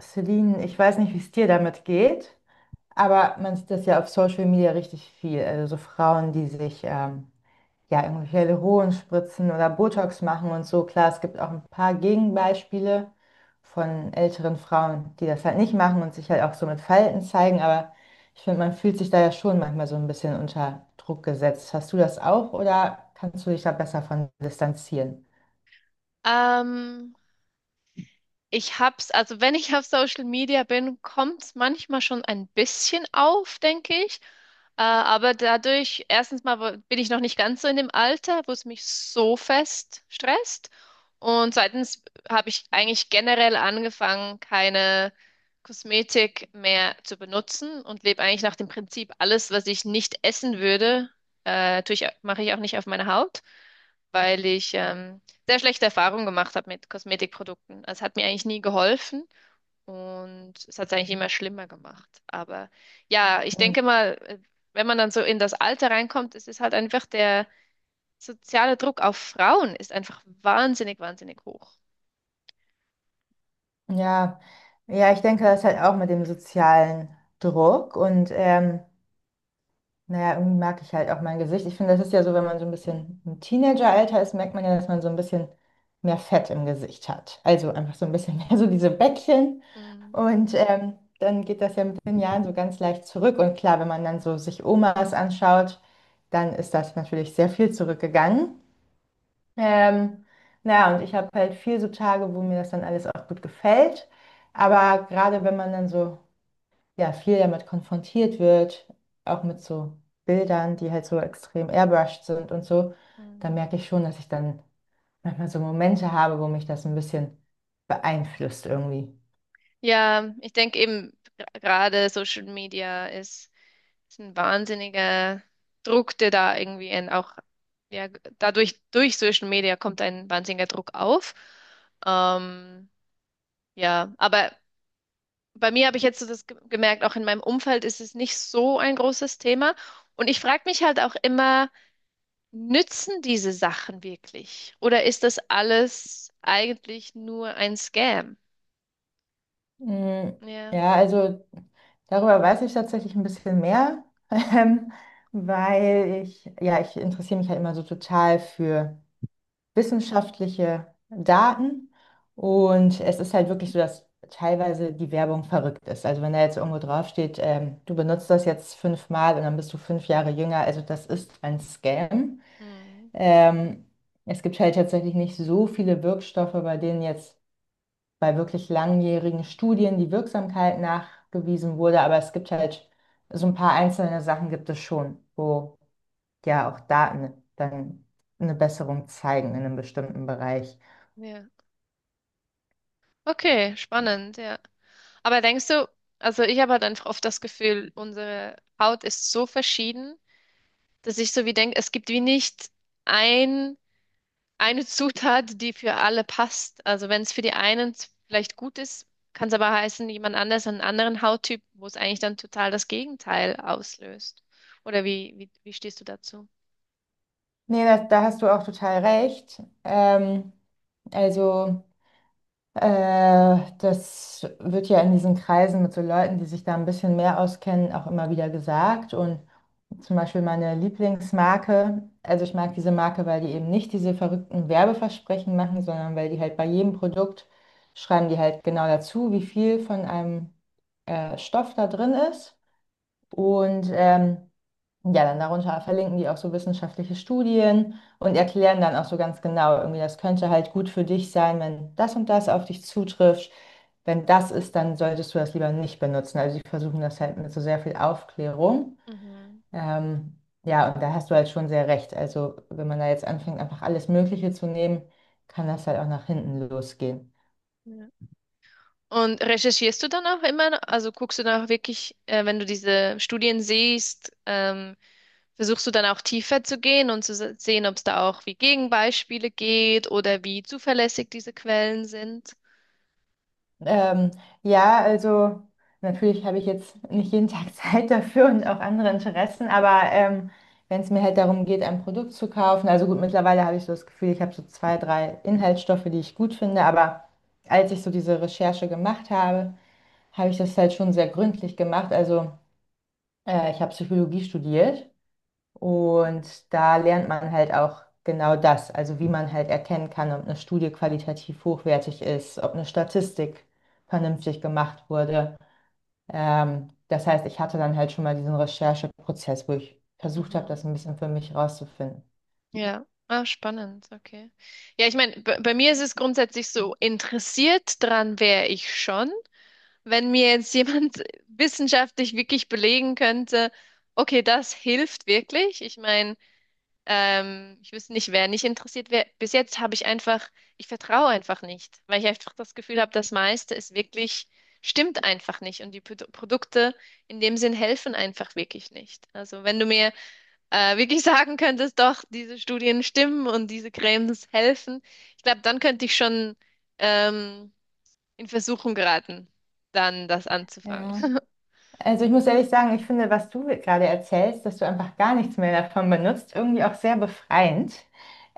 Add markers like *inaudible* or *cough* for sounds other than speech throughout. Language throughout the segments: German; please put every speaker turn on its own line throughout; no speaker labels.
Celine, ich weiß nicht, wie es dir damit geht, aber man sieht das ja auf Social Media richtig viel. Also so Frauen, die sich ja irgendwelche Hyaluron spritzen oder Botox machen und so. Klar, es gibt auch ein paar Gegenbeispiele von älteren Frauen, die das halt nicht machen und sich halt auch so mit Falten zeigen, aber ich finde, man fühlt sich da ja schon manchmal so ein bisschen unter Druck gesetzt. Hast du das auch oder kannst du dich da besser von distanzieren?
Ähm, ich hab's, also wenn ich auf Social Media bin, kommt's manchmal schon ein bisschen auf, denke ich. Aber dadurch, erstens mal bin ich noch nicht ganz so in dem Alter, wo es mich so fest stresst. Und zweitens habe ich eigentlich generell angefangen, keine Kosmetik mehr zu benutzen und lebe eigentlich nach dem Prinzip, alles, was ich nicht essen würde, mache ich auch nicht auf meine Haut, weil ich sehr schlechte Erfahrungen gemacht habe mit Kosmetikprodukten. Also, es hat mir eigentlich nie geholfen und es hat es eigentlich immer schlimmer gemacht. Aber ja, ich denke mal, wenn man dann so in das Alter reinkommt, es ist halt einfach der soziale Druck auf Frauen ist einfach wahnsinnig, wahnsinnig hoch.
Ja, ja, ich denke, das ist halt auch mit dem sozialen Druck und naja, irgendwie mag ich halt auch mein Gesicht. Ich finde, das ist ja so, wenn man so ein
Mhm.
bisschen im Teenageralter ist, merkt man ja, dass man so ein bisschen mehr Fett im Gesicht hat. Also einfach so ein bisschen *laughs* mehr so diese Bäckchen
Mhm.
und dann geht das ja mit den Jahren so ganz leicht zurück. Und klar, wenn man dann so sich Omas anschaut, dann ist das natürlich sehr viel zurückgegangen. Ähm, naja, und ich habe halt viel so Tage, wo mir das dann alles auch gut gefällt. Aber gerade wenn man dann so, ja, viel damit konfrontiert wird, auch mit so Bildern, die halt so extrem airbrushed sind und so, dann
Mhm.
merke ich schon, dass ich dann manchmal so Momente habe, wo mich das ein bisschen beeinflusst irgendwie.
Ja, ich denke eben gerade Social Media ist ein wahnsinniger Druck, der da irgendwie auch, ja, dadurch, durch Social Media kommt ein wahnsinniger Druck auf. Ähm, ja, aber bei mir habe ich jetzt so das gemerkt, auch in meinem Umfeld ist es nicht so ein großes Thema. Und ich frage mich halt auch immer, nützen diese Sachen wirklich? Oder ist das alles eigentlich nur ein Scam?
Mm,
Ja.
ja, also darüber weiß ich tatsächlich ein bisschen mehr, *laughs* ähm, weil ich, ja, ich interessiere mich halt immer so total für wissenschaftliche Daten. Und es ist halt wirklich so, dass teilweise die Werbung verrückt ist. Also wenn da jetzt irgendwo draufsteht, du benutzt das jetzt fünfmal und dann bist du fünf Jahre jünger, also das ist ein Scam.
Hm.
Ähm, Es gibt halt tatsächlich nicht so viele Wirkstoffe, bei denen jetzt bei wirklich langjährigen Studien die Wirksamkeit nachgewiesen wurde, aber es gibt halt so ein paar einzelne Sachen gibt es schon, wo ja auch Daten dann eine Besserung zeigen in einem bestimmten Bereich.
Ja. Okay, spannend, ja. Aber denkst du, also ich habe halt einfach oft das Gefühl, unsere Haut ist so verschieden, dass ich so wie denke, es gibt wie nicht ein, eine Zutat, die für alle passt. Also wenn es für die einen vielleicht gut ist, kann es aber heißen, jemand anders, einen anderen Hauttyp, wo es eigentlich dann total das Gegenteil auslöst. Oder wie stehst du dazu?
Nee, da hast du auch total recht. Also, das wird ja in diesen Kreisen mit so Leuten, die sich da ein bisschen mehr auskennen, auch immer wieder gesagt. Und zum Beispiel meine Lieblingsmarke, also ich mag diese Marke, weil die eben nicht diese verrückten Werbeversprechen machen, sondern weil die halt bei jedem Produkt schreiben die halt genau dazu, wie viel von einem Stoff da drin ist. Und ja, dann darunter verlinken die auch so wissenschaftliche Studien und erklären dann auch so ganz genau, irgendwie, das könnte halt gut für dich sein, wenn das und das auf dich zutrifft. Wenn das ist, dann solltest du das lieber nicht benutzen. Also die versuchen das halt mit so sehr viel Aufklärung. Ähm, ja, und da hast du halt schon sehr recht. Also wenn man da jetzt anfängt, einfach alles Mögliche zu nehmen, kann das halt auch nach hinten losgehen.
Mhm. Und recherchierst du dann auch immer, also guckst du dann auch wirklich, wenn du diese Studien siehst, versuchst du dann auch tiefer zu gehen und zu sehen, ob es da auch wie Gegenbeispiele geht oder wie zuverlässig diese Quellen sind?
Ähm, ja, also natürlich habe ich jetzt nicht jeden Tag *laughs* Zeit dafür und auch andere
Mhm.
Interessen, aber wenn es mir halt darum geht, ein Produkt zu kaufen, also gut, mittlerweile habe ich so das Gefühl, ich habe so zwei, drei Inhaltsstoffe, die ich gut finde, aber als ich so diese Recherche gemacht habe, habe ich das halt schon sehr gründlich gemacht. Also ich habe Psychologie studiert. Und da lernt man halt auch genau das, also wie man halt erkennen kann, ob eine Studie qualitativ hochwertig ist, ob eine Statistik vernünftig gemacht wurde. Das heißt, ich hatte dann halt schon mal diesen Rechercheprozess, wo ich versucht habe,
Mhm.
das ein bisschen für mich rauszufinden.
Ja, ah, spannend, okay. Ja, ich meine, bei mir ist es grundsätzlich so, interessiert dran wäre ich schon, wenn mir jetzt jemand *laughs* wissenschaftlich wirklich belegen könnte, okay, das hilft wirklich. Ich meine, ich wüsste nicht, wer nicht interessiert wäre. Bis jetzt habe ich einfach, ich vertraue einfach nicht, weil ich einfach das Gefühl habe, das meiste ist wirklich, stimmt einfach nicht. Und die Produkte in dem Sinn helfen einfach wirklich nicht. Also wenn du mir wirklich *laughs* sagen könntest, doch, diese Studien stimmen und diese Cremes helfen, ich glaube, dann könnte ich schon ähm, in Versuchung geraten, dann das anzufangen.
Ja.
*laughs*
Also ich muss ehrlich sagen, ich finde, was du gerade erzählst, dass du einfach gar nichts mehr davon benutzt, irgendwie auch sehr befreiend.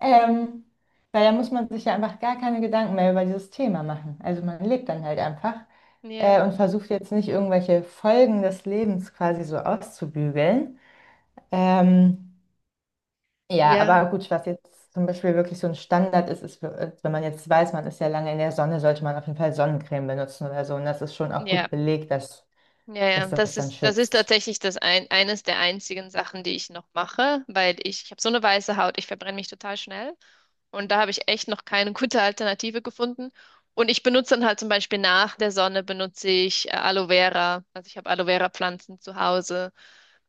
Ähm, Weil da muss man sich ja einfach gar keine Gedanken mehr über dieses Thema machen. Also man lebt dann halt einfach
Ja,
und versucht jetzt nicht irgendwelche Folgen des Lebens quasi so auszubügeln. Ähm, ja,
ja,
aber gut, was jetzt zum Beispiel wirklich so ein Standard ist, ist, wenn man jetzt weiß, man ist ja lange in der Sonne, sollte man auf jeden Fall Sonnencreme benutzen oder so. Und das ist schon auch
ja.
gut belegt,
Ja, ja,
dass das dann
das ist
schützt.
tatsächlich das eines der einzigen Sachen, die ich noch mache, weil ich habe so eine weiße Haut, ich verbrenne mich total schnell und da habe ich echt noch keine *laughs* gute Alternative gefunden. Und ich benutze dann halt zum Beispiel nach der Sonne benutze ich Aloe Vera, also ich habe Aloe Vera Pflanzen zu Hause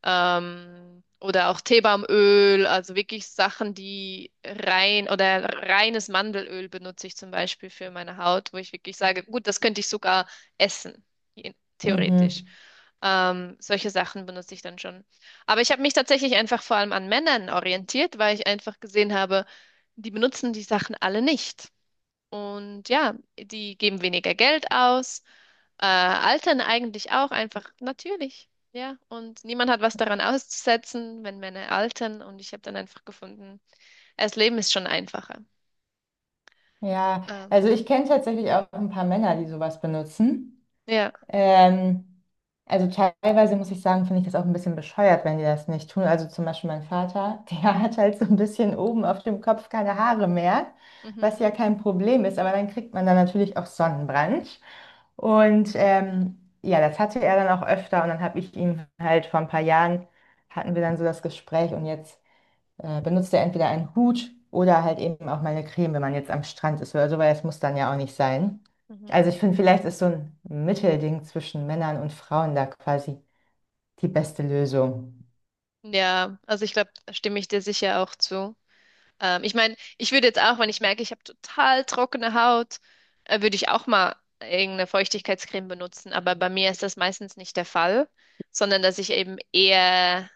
oder auch Teebaumöl, also wirklich Sachen, die rein oder reines Mandelöl benutze ich zum Beispiel für meine Haut, wo ich wirklich sage, gut, das könnte ich sogar essen, theoretisch.
Mhm.
Solche Sachen benutze ich dann schon. Aber ich habe mich tatsächlich einfach vor allem an Männern orientiert, weil ich einfach gesehen habe, die benutzen die Sachen alle nicht. Und ja, die geben weniger Geld aus, altern eigentlich auch einfach natürlich. Ja, und niemand hat was daran auszusetzen, wenn Männer altern. Und ich habe dann einfach gefunden, ja, das Leben ist schon einfacher.
Ja,
Ähm,
also ich kenne tatsächlich auch ein paar Männer, die sowas benutzen.
ja,
Ähm, also teilweise muss ich sagen, finde ich das auch ein bisschen bescheuert, wenn die das nicht tun. Also zum Beispiel mein Vater, *laughs* der hat halt so ein bisschen oben auf dem Kopf keine Haare mehr, was ja
mhm,
kein Problem ist, aber dann kriegt man dann natürlich auch Sonnenbrand. Und ja, das hatte er dann auch öfter und dann habe ich ihm halt vor ein paar Jahren, hatten wir dann so das Gespräch und jetzt benutzt er entweder einen Hut oder halt eben auch mal eine Creme, wenn man jetzt am Strand ist oder so, weil das muss dann ja auch nicht sein. Also
mhm.
ich finde, vielleicht ist so ein Mittelding zwischen Männern und Frauen da quasi die beste Lösung.
Ja, also ich glaube, da stimme ich dir sicher auch zu. Ich meine, ich würde jetzt auch, wenn ich merke, ich habe total trockene Haut, würde ich auch mal irgendeine Feuchtigkeitscreme benutzen. Aber bei mir ist das meistens nicht der Fall, sondern dass ich eben eher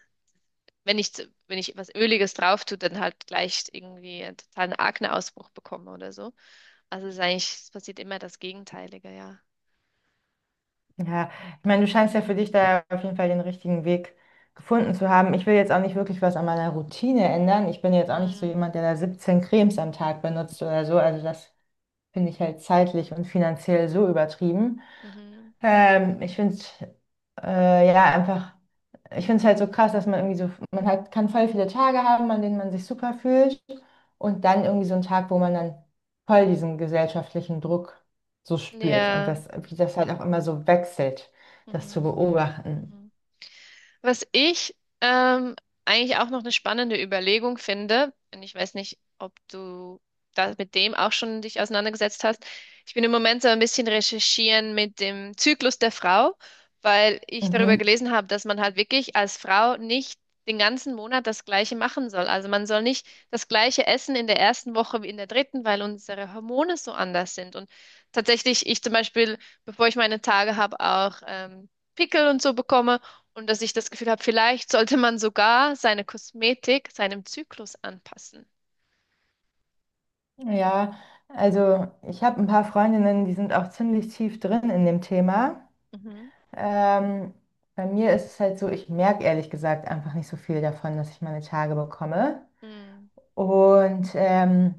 wenn wenn ich was Öliges drauf tue, dann halt gleich irgendwie einen totalen Akneausbruch bekomme oder so. Also es ist eigentlich, es passiert immer das Gegenteilige, ja.
Ja, ich
Ähm,
meine, du scheinst ja für dich da auf jeden Fall den richtigen Weg gefunden zu haben. Ich will jetzt auch nicht wirklich was an meiner Routine ändern. Ich bin jetzt auch nicht so
Mhm.
jemand, der da 17 Cremes am Tag benutzt oder so. Also das finde ich halt zeitlich und finanziell so übertrieben.
Mhm.
Ich finde, ja, einfach. Ich finde es halt so krass, dass man irgendwie so, man hat, kann voll viele Tage haben, an denen man sich super fühlt und dann irgendwie so einen Tag, wo man dann voll diesen gesellschaftlichen Druck so spürt und
Ja.
das, wie das halt auch immer so wechselt, das zu
Mhm.
beobachten.
Mhm. Was ich ähm, eigentlich auch noch eine spannende Überlegung finde, und ich weiß nicht, ob du da mit dem auch schon dich auseinandergesetzt hast. Ich bin im Moment so ein bisschen recherchieren mit dem Zyklus der Frau, weil ich darüber
Mhm.
gelesen habe, dass man halt wirklich als Frau nicht den ganzen Monat das Gleiche machen soll. Also man soll nicht das Gleiche essen in der ersten Woche wie in der dritten, weil unsere Hormone so anders sind. Und tatsächlich, ich zum Beispiel, bevor ich meine Tage habe, auch Pickel und so bekomme. Und dass ich das Gefühl habe, vielleicht sollte man sogar seine Kosmetik seinem Zyklus anpassen.
Ja, also ich habe ein paar Freundinnen, die sind auch ziemlich tief drin in dem Thema.
Mhm.
Ähm, Bei mir ist es halt so, ich merke ehrlich gesagt einfach nicht so viel davon, dass ich meine Tage bekomme.
Hm,
Und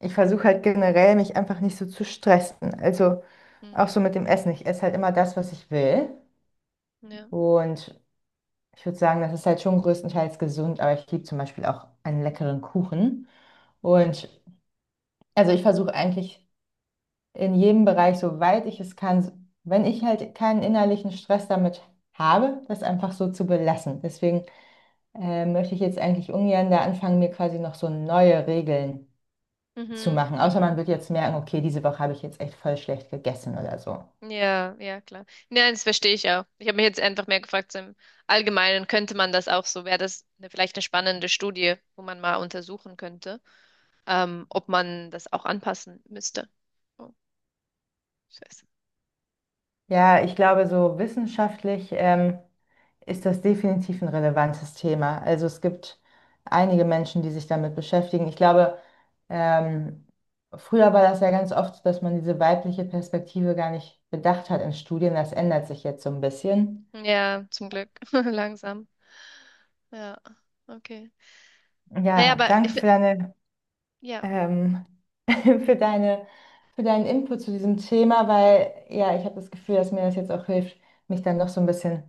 ich versuche halt generell, mich einfach nicht so zu stressen. Also auch
hm,
so mit dem Essen. Ich esse halt immer das, was ich will.
ja.
Und ich würde sagen, das ist halt schon größtenteils gesund, aber ich liebe zum Beispiel auch einen leckeren Kuchen. Und also ich versuche eigentlich in jedem Bereich, soweit ich es kann, wenn ich halt keinen innerlichen Stress damit habe, das einfach so zu belassen. Deswegen möchte ich jetzt eigentlich ungern da anfangen, mir quasi noch so neue Regeln zu
Mhm,
machen. Außer man
mhm.
wird jetzt merken, okay, diese Woche habe ich jetzt echt voll schlecht gegessen oder so.
Ja, ja, klar. Nein, das verstehe ich auch. Ich habe mich jetzt einfach mehr gefragt, so im Allgemeinen könnte man das auch so, wäre das eine, vielleicht eine spannende Studie, wo man mal untersuchen könnte, ob man das auch anpassen müsste. Oh, scheiße.
Ja, ich glaube, so wissenschaftlich ist das definitiv ein relevantes Thema. Also es gibt einige Menschen, die sich damit beschäftigen. Ich glaube, ähm, früher war das ja ganz oft, so, dass man diese weibliche Perspektive gar nicht bedacht hat in Studien. Das ändert sich jetzt so ein bisschen.
Ja, zum Glück. *laughs* Langsam. Ja, okay. Naja,
Ja,
aber
danke für deine
ja,
ähm, *laughs* für deine, für deinen Input zu diesem Thema, weil ja, ich habe das Gefühl, dass mir das jetzt auch hilft, mich dann noch so ein bisschen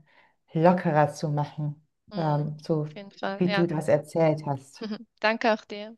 lockerer zu machen,
hm,
so
auf jeden Fall.
wie du
Ja,
das erzählt hast.
*laughs* danke auch dir.